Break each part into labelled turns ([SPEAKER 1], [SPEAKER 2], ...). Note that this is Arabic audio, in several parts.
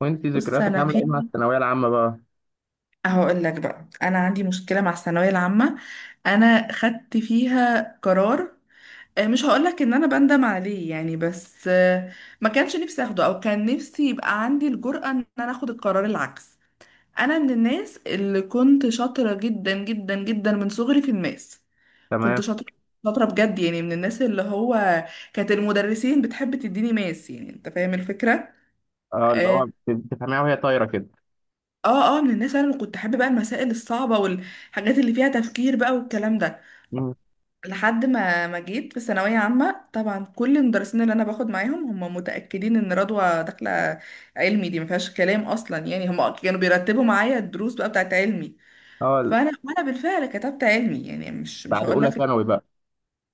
[SPEAKER 1] وانت
[SPEAKER 2] بص،
[SPEAKER 1] ذكرياتك
[SPEAKER 2] انا
[SPEAKER 1] عامله ايه مع
[SPEAKER 2] في
[SPEAKER 1] الثانويه العامه بقى؟
[SPEAKER 2] هقول لك بقى، انا عندي مشكله مع الثانويه العامه. انا خدت فيها قرار. مش هقول لك ان انا بندم عليه يعني، بس ما كانش نفسي اخده، او كان نفسي يبقى عندي الجرأة ان انا اخد القرار العكس. انا من الناس اللي كنت شاطره جدا جدا جدا من صغري في الماس. كنت
[SPEAKER 1] تمام.
[SPEAKER 2] شاطره، شاطره بجد يعني، من الناس اللي هو كانت المدرسين بتحب تديني ماس، يعني انت فاهم الفكره.
[SPEAKER 1] اه، اللي هو
[SPEAKER 2] آه،
[SPEAKER 1] بتفهميها وهي طايره كده.
[SPEAKER 2] اه من الناس انا اللي كنت حابه بقى المسائل الصعبه والحاجات اللي فيها تفكير بقى والكلام ده.
[SPEAKER 1] مم.
[SPEAKER 2] لحد ما جيت في ثانويه عامه، طبعا كل المدرسين اللي انا باخد معاهم هم متاكدين ان رضوى داخله علمي، دي ما فيهاش كلام اصلا يعني. هم كانوا بيرتبوا معايا الدروس بقى بتاعت علمي.
[SPEAKER 1] اه
[SPEAKER 2] فانا وانا بالفعل كتبت علمي يعني، مش
[SPEAKER 1] بعد
[SPEAKER 2] هقول
[SPEAKER 1] اولى
[SPEAKER 2] لك.
[SPEAKER 1] ثانوي بقى.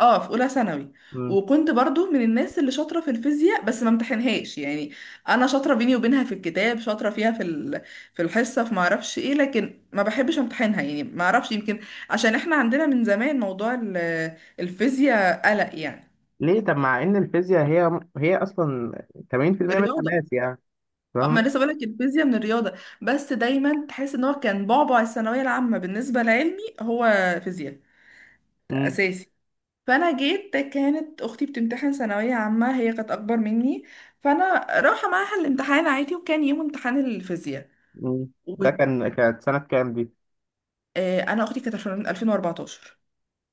[SPEAKER 2] اه، في اولى ثانوي.
[SPEAKER 1] مم.
[SPEAKER 2] وكنت برضو من الناس اللي شاطره في الفيزياء، بس ما امتحنهاش يعني. انا شاطره بيني وبينها في الكتاب، شاطره فيها في الحصه، في ما اعرفش ايه، لكن ما بحبش امتحنها يعني، ما اعرفش يمكن عشان احنا عندنا من زمان موضوع الفيزياء قلق يعني.
[SPEAKER 1] ليه؟ طب مع ان الفيزياء هي اصلا 80% منها
[SPEAKER 2] الرياضه.
[SPEAKER 1] ماس يعني،
[SPEAKER 2] ما
[SPEAKER 1] فاهم؟
[SPEAKER 2] لسه بقولك الفيزياء من الرياضه، بس دايما تحس ان هو كان بعبع الثانويه العامه بالنسبه لعلمي، هو فيزياء
[SPEAKER 1] مم.
[SPEAKER 2] اساسي. فانا جيت كانت اختي بتمتحن ثانويه عامه، هي كانت اكبر مني. فانا رايحه معاها الامتحان عادي، وكان يوم امتحان الفيزياء.
[SPEAKER 1] مم. ده كان، كانت سنه كام دي؟
[SPEAKER 2] وانا اختي كانت 2014.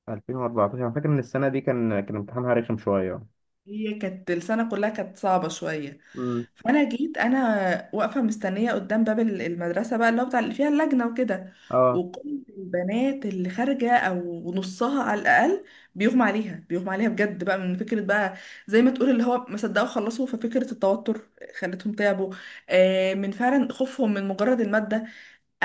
[SPEAKER 1] 2014. انا فاكر ان السنه دي كان امتحانها رخم شويه.
[SPEAKER 2] هي كانت السنة كلها كانت صعبة شوية.
[SPEAKER 1] مم.
[SPEAKER 2] فأنا جيت أنا واقفة مستنية قدام باب المدرسة بقى، اللي هو بتاع اللي فيها اللجنة وكده.
[SPEAKER 1] اه
[SPEAKER 2] وكل البنات اللي خارجة، أو نصها على الأقل، بيغمى عليها بيغمى عليها بجد بقى من فكرة بقى، زي ما تقول اللي هو ما صدقوا خلصوا. ففكرة التوتر خلتهم تعبوا، من فعلا خوفهم من مجرد المادة.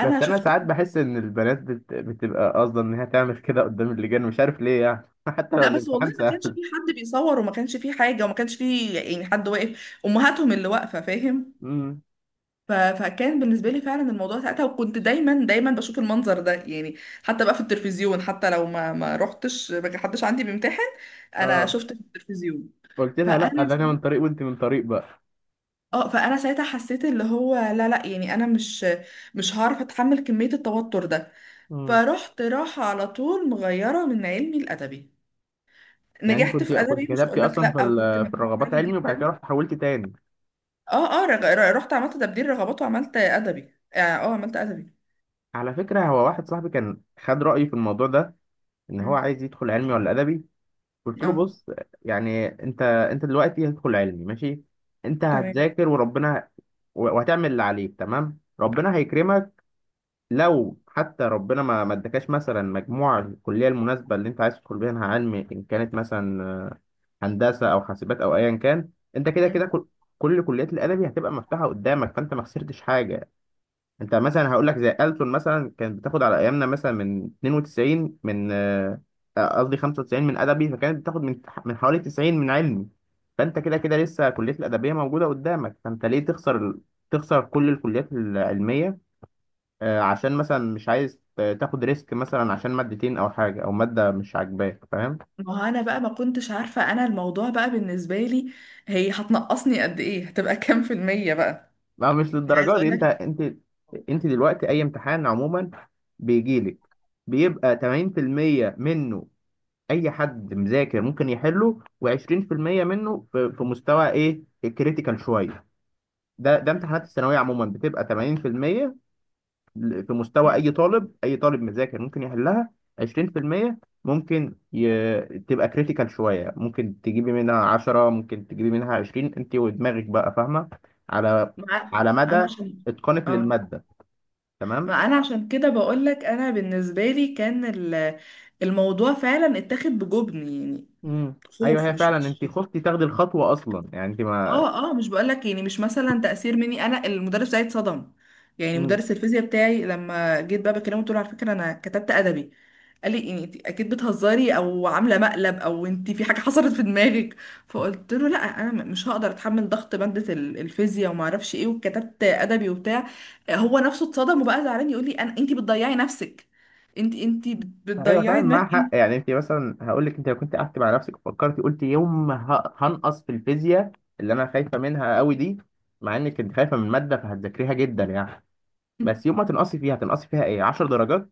[SPEAKER 1] بس انا
[SPEAKER 2] شفت.
[SPEAKER 1] ساعات بحس ان البنات بتبقى قاصده ان هي تعمل كده قدام اللجان، مش عارف ليه يعني حتى لو
[SPEAKER 2] لا بس، والله
[SPEAKER 1] الامتحان
[SPEAKER 2] ما كانش
[SPEAKER 1] سهل.
[SPEAKER 2] في حد بيصور، وما كانش في حاجة، وما كانش في يعني حد واقف، أمهاتهم اللي واقفة، فاهم.
[SPEAKER 1] مم.
[SPEAKER 2] فكان بالنسبه لي فعلا الموضوع ساعتها. وكنت دايما دايما بشوف المنظر ده يعني، حتى بقى في التلفزيون. حتى لو ما رحتش، ما حدش عندي بيمتحن، انا
[SPEAKER 1] اه
[SPEAKER 2] شفت في التلفزيون.
[SPEAKER 1] قلت لها لا،
[SPEAKER 2] فانا
[SPEAKER 1] ده انا من طريق وانت من طريق بقى.
[SPEAKER 2] اه فانا ساعتها حسيت اللي هو لا لا، يعني انا مش هعرف اتحمل كميه التوتر ده.
[SPEAKER 1] امم.
[SPEAKER 2] فرحت راحه على طول، مغيره من علمي الادبي.
[SPEAKER 1] يعني انت
[SPEAKER 2] نجحت
[SPEAKER 1] كنت
[SPEAKER 2] في
[SPEAKER 1] كنت
[SPEAKER 2] ادبي، مش هقول
[SPEAKER 1] كتبتي
[SPEAKER 2] لك
[SPEAKER 1] اصلا
[SPEAKER 2] لا، او جبت
[SPEAKER 1] في
[SPEAKER 2] مجموع
[SPEAKER 1] الرغبات
[SPEAKER 2] عالي
[SPEAKER 1] علمي، وبعد كده
[SPEAKER 2] جدا.
[SPEAKER 1] رحت حولت تاني؟
[SPEAKER 2] اه رحت عملت تبديل رغبات وعملت ادبي. عملت ادبي.
[SPEAKER 1] على فكره، هو واحد صاحبي كان خد رايي في الموضوع ده، ان هو
[SPEAKER 2] مم.
[SPEAKER 1] عايز يدخل علمي ولا ادبي. قلت له
[SPEAKER 2] اه،
[SPEAKER 1] بص، يعني انت دلوقتي هتدخل علمي، ماشي، انت
[SPEAKER 2] تمام.
[SPEAKER 1] هتذاكر وربنا، وهتعمل اللي عليك، تمام، ربنا هيكرمك. لو حتى ربنا ما ادكاش مثلا مجموع الكليه المناسبه اللي انت عايز تدخل بيها علمي، ان كانت مثلا هندسه او حاسبات او ايا كان، انت كده
[SPEAKER 2] مم.
[SPEAKER 1] كل كل كليات الادبي هتبقى مفتوحه قدامك، فانت ما خسرتش حاجه. انت مثلا هقول لك زي ألسن مثلا، كانت بتاخد على ايامنا مثلا من 92، من، قصدي 95، من ادبي، فكانت بتاخد من من حوالي 90 من علمي. فانت كده كده لسه كليه الادبيه موجوده قدامك، فانت ليه تخسر تخسر كل الكليات العلميه؟ عشان مثلا مش عايز تاخد ريسك مثلا عشان مادتين او حاجه او ماده مش عاجباك، فاهم؟
[SPEAKER 2] ما هو انا بقى ما كنتش عارفة انا، الموضوع بقى بالنسبة لي، هي هتنقصني قد ايه، هتبقى كام في المية بقى؟
[SPEAKER 1] ما هو مش
[SPEAKER 2] أنا عايزة
[SPEAKER 1] للدرجه دي،
[SPEAKER 2] اقول
[SPEAKER 1] انت
[SPEAKER 2] لك.
[SPEAKER 1] انت انت دلوقتي اي امتحان عموما بيجي لك، بيبقى 80% منه اي حد مذاكر ممكن يحله، و20% منه في في مستوى ايه، الكريتيكال شويه. ده ده امتحانات الثانويه عموما بتبقى 80% في مستوى اي طالب، اي طالب مذاكر ممكن يحلها، 20% ممكن تبقى كريتيكال شويه، ممكن تجيبي منها 10، ممكن تجيبي منها 20، انت ودماغك بقى فاهمه، على
[SPEAKER 2] مع. انا
[SPEAKER 1] مدى
[SPEAKER 2] عشان.
[SPEAKER 1] اتقانك
[SPEAKER 2] اه.
[SPEAKER 1] للماده، تمام.
[SPEAKER 2] ما انا عشان كده بقول لك، انا بالنسبة لي كان الموضوع فعلا اتاخد بجبن يعني،
[SPEAKER 1] امم. ايوه،
[SPEAKER 2] خوف،
[SPEAKER 1] هي
[SPEAKER 2] مش
[SPEAKER 1] فعلا انت
[SPEAKER 2] مش
[SPEAKER 1] خفتي تاخدي الخطوه اصلا يعني، انت ما.
[SPEAKER 2] اه اه، مش بقولك يعني، مش مثلا تأثير مني، انا المدرس بتاعي اتصدم، يعني
[SPEAKER 1] امم.
[SPEAKER 2] مدرس الفيزياء بتاعي. لما جيت بقى بكلمه، قلت له: على فكرة انا كتبت ادبي. قال لي: يعني انت اكيد بتهزري، او عامله مقلب، او انت في حاجه حصلت في دماغك. فقلت له: لا انا مش هقدر اتحمل ضغط ماده الفيزياء وما اعرفش ايه، وكتبت ادبي وبتاع. هو نفسه اتصدم وبقى زعلان، يقول لي: انا، انت بتضيعي نفسك، انت
[SPEAKER 1] ايوه، فعلا
[SPEAKER 2] بتضيعي
[SPEAKER 1] معاها
[SPEAKER 2] دماغك
[SPEAKER 1] حق
[SPEAKER 2] انت.
[SPEAKER 1] يعني. انت مثلا هقول لك، انت لو كنت قعدت مع نفسك وفكرتي، قلت يوم ما هنقص في الفيزياء اللي انا خايفه منها قوي دي، مع انك كنت خايفه من الماده فهتذاكريها جدا يعني، بس يوم ما تنقصي فيها هتنقصي فيها ايه، 10 درجات،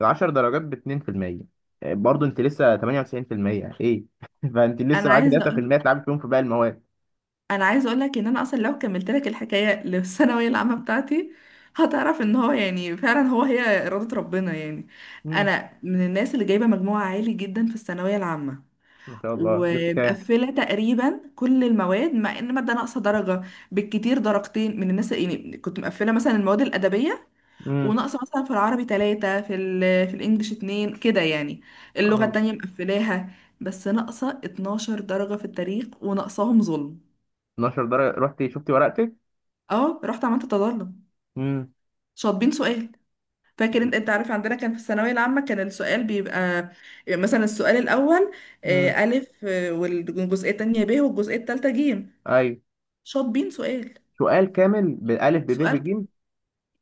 [SPEAKER 1] ال 10 درجات ب 2%، برضه انت لسه 98%، ايه فانت لسه
[SPEAKER 2] انا
[SPEAKER 1] معاكي
[SPEAKER 2] عايزه
[SPEAKER 1] 3%
[SPEAKER 2] اقول.
[SPEAKER 1] تلعبي فيهم في باقي المواد.
[SPEAKER 2] انا عايزه اقول لك ان انا اصلا لو كملت لك الحكايه للثانويه العامه بتاعتي، هتعرف ان هو يعني فعلا، هو هي اراده ربنا يعني.
[SPEAKER 1] امم.
[SPEAKER 2] انا من الناس اللي جايبه مجموع عالي جدا في الثانويه العامه،
[SPEAKER 1] ما شاء الله، جبت كام؟
[SPEAKER 2] ومقفله تقريبا كل المواد، مع ان ماده ناقصه درجه، بالكتير درجتين، من الناس يعني. كنت مقفله مثلا المواد الادبيه،
[SPEAKER 1] امم.
[SPEAKER 2] وناقصه مثلا في العربي ثلاثه، في الانجليش اتنين، كده يعني، اللغه
[SPEAKER 1] اه.
[SPEAKER 2] التانيه مقفلاها. بس ناقصه 12 درجه في التاريخ، وناقصاهم ظلم.
[SPEAKER 1] 12 درجة؟ رحتي شفتي ورقتك؟
[SPEAKER 2] اه، رحت عملت تظلم.
[SPEAKER 1] امم.
[SPEAKER 2] شاطبين سؤال. فاكر، انت عارف، عندنا كان في الثانويه العامه كان السؤال بيبقى، يعني مثلا السؤال الاول
[SPEAKER 1] امم.
[SPEAKER 2] الف، والجزئيه التانية ب، والجزئيه التالتة ج.
[SPEAKER 1] ايوه.
[SPEAKER 2] شاطبين سؤال.
[SPEAKER 1] سؤال كامل، بألف بب
[SPEAKER 2] سؤال
[SPEAKER 1] بج؟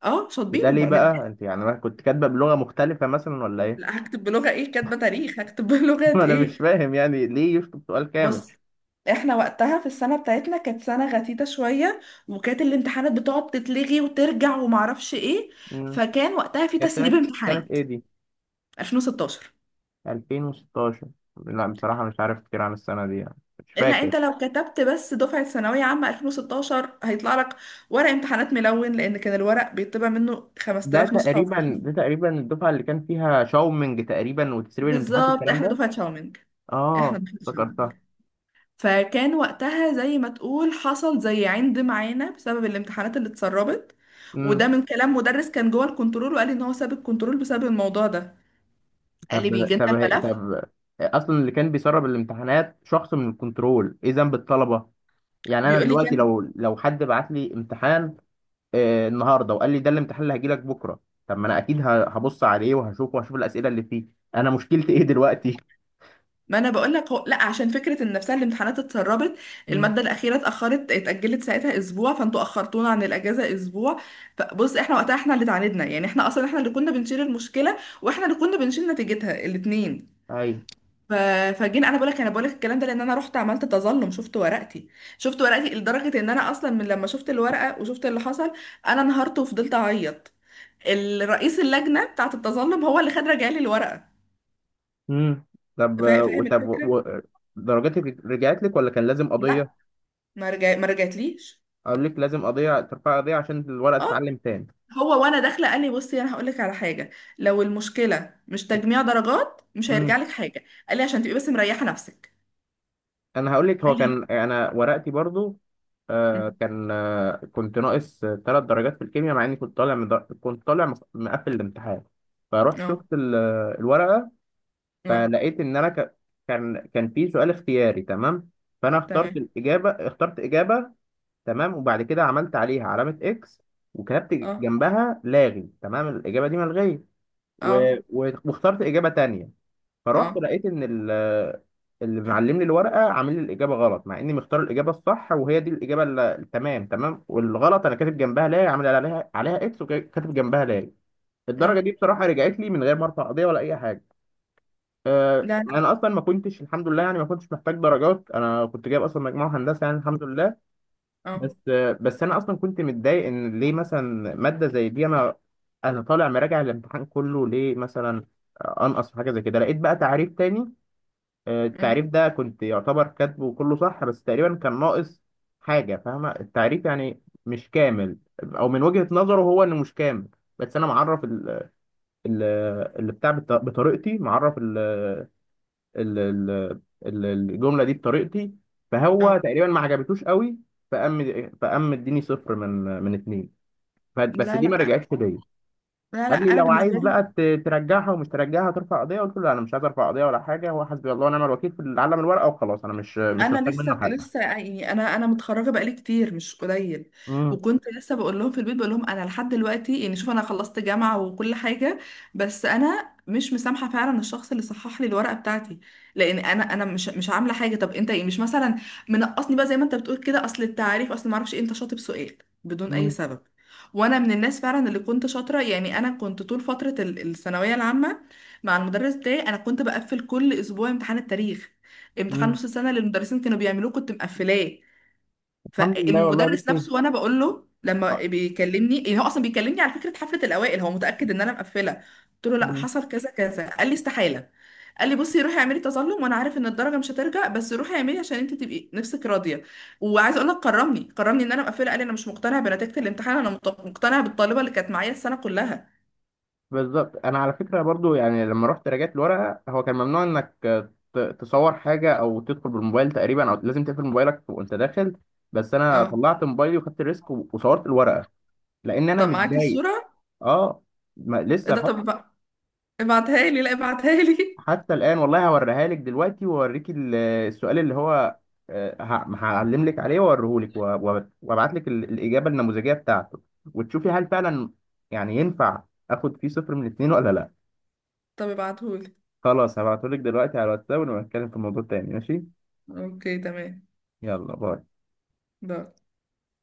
[SPEAKER 2] اه، شاطبين
[SPEAKER 1] وده ليه بقى؟
[SPEAKER 2] متاخد.
[SPEAKER 1] انت يعني أنا كنت كاتبه بلغة مختلفة مثلا ولا ايه؟
[SPEAKER 2] لا، هكتب بلغه ايه؟ كاتبه تاريخ هكتب بلغه
[SPEAKER 1] ما انا مش
[SPEAKER 2] ايه؟
[SPEAKER 1] فاهم يعني ليه يشطب سؤال كامل.
[SPEAKER 2] بص، احنا وقتها في السنه بتاعتنا كانت سنه غثيثه شويه، وكانت الامتحانات بتقعد تتلغي وترجع ومعرفش ايه.
[SPEAKER 1] امم.
[SPEAKER 2] فكان وقتها في
[SPEAKER 1] كانت
[SPEAKER 2] تسريب
[SPEAKER 1] سنة، سنة
[SPEAKER 2] امتحانات.
[SPEAKER 1] ايه دي؟
[SPEAKER 2] 2016.
[SPEAKER 1] 2016؟ لا بصراحة مش عارف كتير عن السنة دي يعني، مش
[SPEAKER 2] الا
[SPEAKER 1] فاكر.
[SPEAKER 2] انت لو كتبت بس دفعه ثانويه عامه 2016، هيطلع لك ورق امتحانات ملون، لان كان الورق بيطبع منه
[SPEAKER 1] ده
[SPEAKER 2] 5000 نسخه وعلى
[SPEAKER 1] تقريبا،
[SPEAKER 2] حسب.
[SPEAKER 1] ده تقريبا الدفعة اللي كان فيها شاومينج تقريبا، وتسريب الامتحانات
[SPEAKER 2] بالظبط،
[SPEAKER 1] والكلام
[SPEAKER 2] احنا
[SPEAKER 1] ده.
[SPEAKER 2] دفعه شاومينج. احنا
[SPEAKER 1] اه،
[SPEAKER 2] دفعه شاومينج.
[SPEAKER 1] افتكرتها.
[SPEAKER 2] فكان وقتها، زي ما تقول، حصل زي عند معانا بسبب الامتحانات اللي اتسربت.
[SPEAKER 1] امم.
[SPEAKER 2] وده من كلام مدرس كان جوه الكنترول، وقال لي ان هو ساب الكنترول بسبب الموضوع ده. قال لي:
[SPEAKER 1] طب،
[SPEAKER 2] بيجي لنا
[SPEAKER 1] طب،
[SPEAKER 2] الملف.
[SPEAKER 1] طب، اصلا اللي كان بيسرب الامتحانات شخص من الكنترول، ايه ذنب الطلبة؟ يعني انا
[SPEAKER 2] بيقول لي
[SPEAKER 1] دلوقتي
[SPEAKER 2] كان.
[SPEAKER 1] لو حد بعت لي امتحان آه النهارده وقال لي ده الامتحان اللي هيجي لك بكره، طب ما انا اكيد هبص عليه وهشوفه وهشوف الاسئله اللي فيه، انا مشكلتي ايه دلوقتي؟
[SPEAKER 2] ما انا بقول لك، هو، لا، عشان فكره ان نفسها الامتحانات اتسربت. الماده الاخيره اتاجلت ساعتها اسبوع، فانتوا اخرتونا عن الاجازه اسبوع. فبص، احنا وقتها احنا اللي اتعاندنا يعني، احنا اصلا احنا اللي كنا بنشيل المشكله، واحنا اللي كنا بنشيل نتيجتها الاثنين.
[SPEAKER 1] امم.
[SPEAKER 2] ف... فجينا. انا بقول لك الكلام ده، لان انا رحت عملت تظلم، شفت ورقتي. شفت ورقتي لدرجه ان انا اصلا، من لما شفت الورقه وشفت اللي حصل، انا انهارت وفضلت اعيط. الرئيس اللجنه بتاعه التظلم هو اللي رجع لي الورقه.
[SPEAKER 1] امم. طب
[SPEAKER 2] فاهم
[SPEAKER 1] طب
[SPEAKER 2] الفكره؟
[SPEAKER 1] درجاتك رجعت لك ولا كان لازم قضيه؟
[SPEAKER 2] لا، ما رجعتليش.
[SPEAKER 1] اقول لك لازم قضيه، ترفع قضيه عشان الورقه
[SPEAKER 2] اه،
[SPEAKER 1] تتعلم تاني.
[SPEAKER 2] هو وانا داخله قال لي: بصي، انا هقول لك على حاجه، لو المشكله مش تجميع درجات مش
[SPEAKER 1] امم.
[SPEAKER 2] هيرجع لك حاجه، قال لي، عشان تبقي بس مريحه نفسك.
[SPEAKER 1] انا هقول لك، هو
[SPEAKER 2] قال لي
[SPEAKER 1] كان انا ورقتي برضو
[SPEAKER 2] أمم.
[SPEAKER 1] كان، آه، كنت ناقص 3 درجات في الكيمياء، مع اني كنت طالع من كنت طالع مقفل الامتحان. فروحت
[SPEAKER 2] اه
[SPEAKER 1] شفت الورقه،
[SPEAKER 2] اه،
[SPEAKER 1] فلقيت ان انا كان، كان في سؤال اختياري، تمام، فانا اخترت
[SPEAKER 2] تمام.
[SPEAKER 1] الاجابه، اخترت اجابه، تمام، وبعد كده عملت عليها علامة اكس وكتبت
[SPEAKER 2] اه
[SPEAKER 1] جنبها لاغي، تمام، الإجابة دي ملغية، و...
[SPEAKER 2] اه.
[SPEAKER 1] واخترت إجابة تانية. فروحت
[SPEAKER 2] اه
[SPEAKER 1] لقيت إن اللي معلم لي الورقة عامل لي الإجابة غلط، مع إني مختار الإجابة الصح، وهي دي الإجابة التمام، تمام، والغلط أنا كاتب جنبها لاغي، عامل عليها اكس وكاتب جنبها لاغي. الدرجة
[SPEAKER 2] اه.
[SPEAKER 1] دي بصراحة رجعت لي من غير ما أرفع قضية ولا أي حاجة.
[SPEAKER 2] لا لا.
[SPEAKER 1] أنا أصلا ما كنتش، الحمد لله يعني، ما كنتش محتاج درجات، أنا كنت جايب أصلا مجموع هندسة يعني، الحمد لله.
[SPEAKER 2] اه.
[SPEAKER 1] بس، بس انا اصلا كنت متضايق، ان ليه مثلا ماده زي دي انا، انا طالع مراجع الامتحان كله، ليه مثلا انقص في حاجه زي كده؟ لقيت بقى تعريف تاني، التعريف
[SPEAKER 2] أمم.
[SPEAKER 1] ده كنت يعتبر كاتبه كله صح، بس تقريبا كان ناقص حاجه، فاهمه؟ التعريف يعني مش كامل، او من وجهه نظره هو انه مش كامل، بس انا معرف ال- اللي بتاع بطريقتي، معرف ال- ال- الجمله دي بطريقتي، فهو
[SPEAKER 2] اه.
[SPEAKER 1] تقريبا ما عجبتوش قوي، فقام مديني صفر من من اتنين. بس
[SPEAKER 2] لا
[SPEAKER 1] دي ما
[SPEAKER 2] لا
[SPEAKER 1] رجعتش ليا.
[SPEAKER 2] لا لا.
[SPEAKER 1] قال لي
[SPEAKER 2] انا
[SPEAKER 1] لو عايز
[SPEAKER 2] بالنسبه لي،
[SPEAKER 1] بقى ترجعها ومش ترجعها ترفع قضيه، قلت له لا، انا مش عايز ارفع قضيه ولا حاجه، هو حسبي الله ونعم الوكيل في العالم، الورقه وخلاص، انا مش
[SPEAKER 2] انا
[SPEAKER 1] محتاج منه
[SPEAKER 2] لسه
[SPEAKER 1] حاجه.
[SPEAKER 2] لسه يعني، انا متخرجه بقالي كتير مش قليل.
[SPEAKER 1] امم.
[SPEAKER 2] وكنت لسه بقول لهم في البيت، بقول لهم انا لحد دلوقتي يعني، شوف، انا خلصت جامعه وكل حاجه، بس انا مش مسامحه فعلا الشخص اللي صحح لي الورقه بتاعتي، لان انا مش عامله حاجه. طب انت ايه، مش مثلا منقصني بقى زي ما انت بتقول كده، اصل التعريف، اصل ما اعرفش ايه. انت شاطب سؤال بدون اي
[SPEAKER 1] امم.
[SPEAKER 2] سبب. وانا من الناس فعلا اللي كنت شاطره يعني. انا كنت طول فتره الثانويه العامه مع المدرس بتاعي، انا كنت بقفل كل اسبوع امتحان التاريخ. امتحان
[SPEAKER 1] امم.
[SPEAKER 2] نص السنه اللي المدرسين كانوا بيعملوه كنت مقفلاه.
[SPEAKER 1] الحمد لله والله يا
[SPEAKER 2] فالمدرس
[SPEAKER 1] بنتي.
[SPEAKER 2] نفسه، وانا بقول له
[SPEAKER 1] آه.
[SPEAKER 2] لما بيكلمني إيه، هو اصلا بيكلمني على فكره حفله الاوائل، هو متاكد ان انا مقفله. قلت له: لا، حصل كذا كذا. قال لي: استحاله. قال لي: بصي روحي اعملي تظلم، وانا عارف ان الدرجه مش هترجع، بس روحي اعملي عشان انت تبقي نفسك راضيه. وعايزه اقول لك، كرمني كرمني ان انا مقفله. قال لي: انا مش مقتنع بنتيجه الامتحان، انا مقتنع بالطالبه اللي كانت معايا السنه كلها.
[SPEAKER 1] بالظبط، انا على فكره برضو يعني لما رحت راجعت الورقه، هو كان ممنوع انك تصور حاجه او تدخل بالموبايل تقريبا، او لازم تقفل موبايلك وانت داخل، بس انا
[SPEAKER 2] اه.
[SPEAKER 1] طلعت موبايلي وخدت ريسك وصورت الورقه، لان انا
[SPEAKER 2] طب معاك
[SPEAKER 1] متضايق.
[SPEAKER 2] الصوره؟
[SPEAKER 1] اه، ما
[SPEAKER 2] ايه
[SPEAKER 1] لسه
[SPEAKER 2] ده؟
[SPEAKER 1] حتى،
[SPEAKER 2] طب ابعتها لي، لا، ابعتها لي.
[SPEAKER 1] حتى الان والله، هوريها لك دلوقتي واوريك السؤال اللي هو، هعلم لك عليه واوريه لك، وابعت لك الاجابه النموذجيه بتاعته، وتشوفي هل فعلا يعني ينفع اخد فيه صفر من اتنين ولا لا.
[SPEAKER 2] طب ابعتهولي.
[SPEAKER 1] خلاص، هبعتهولك دلوقتي على الواتساب، ونبقى نتكلم في الموضوع تاني، ماشي؟
[SPEAKER 2] اوكي، تمام.
[SPEAKER 1] يلا باي.
[SPEAKER 2] لا.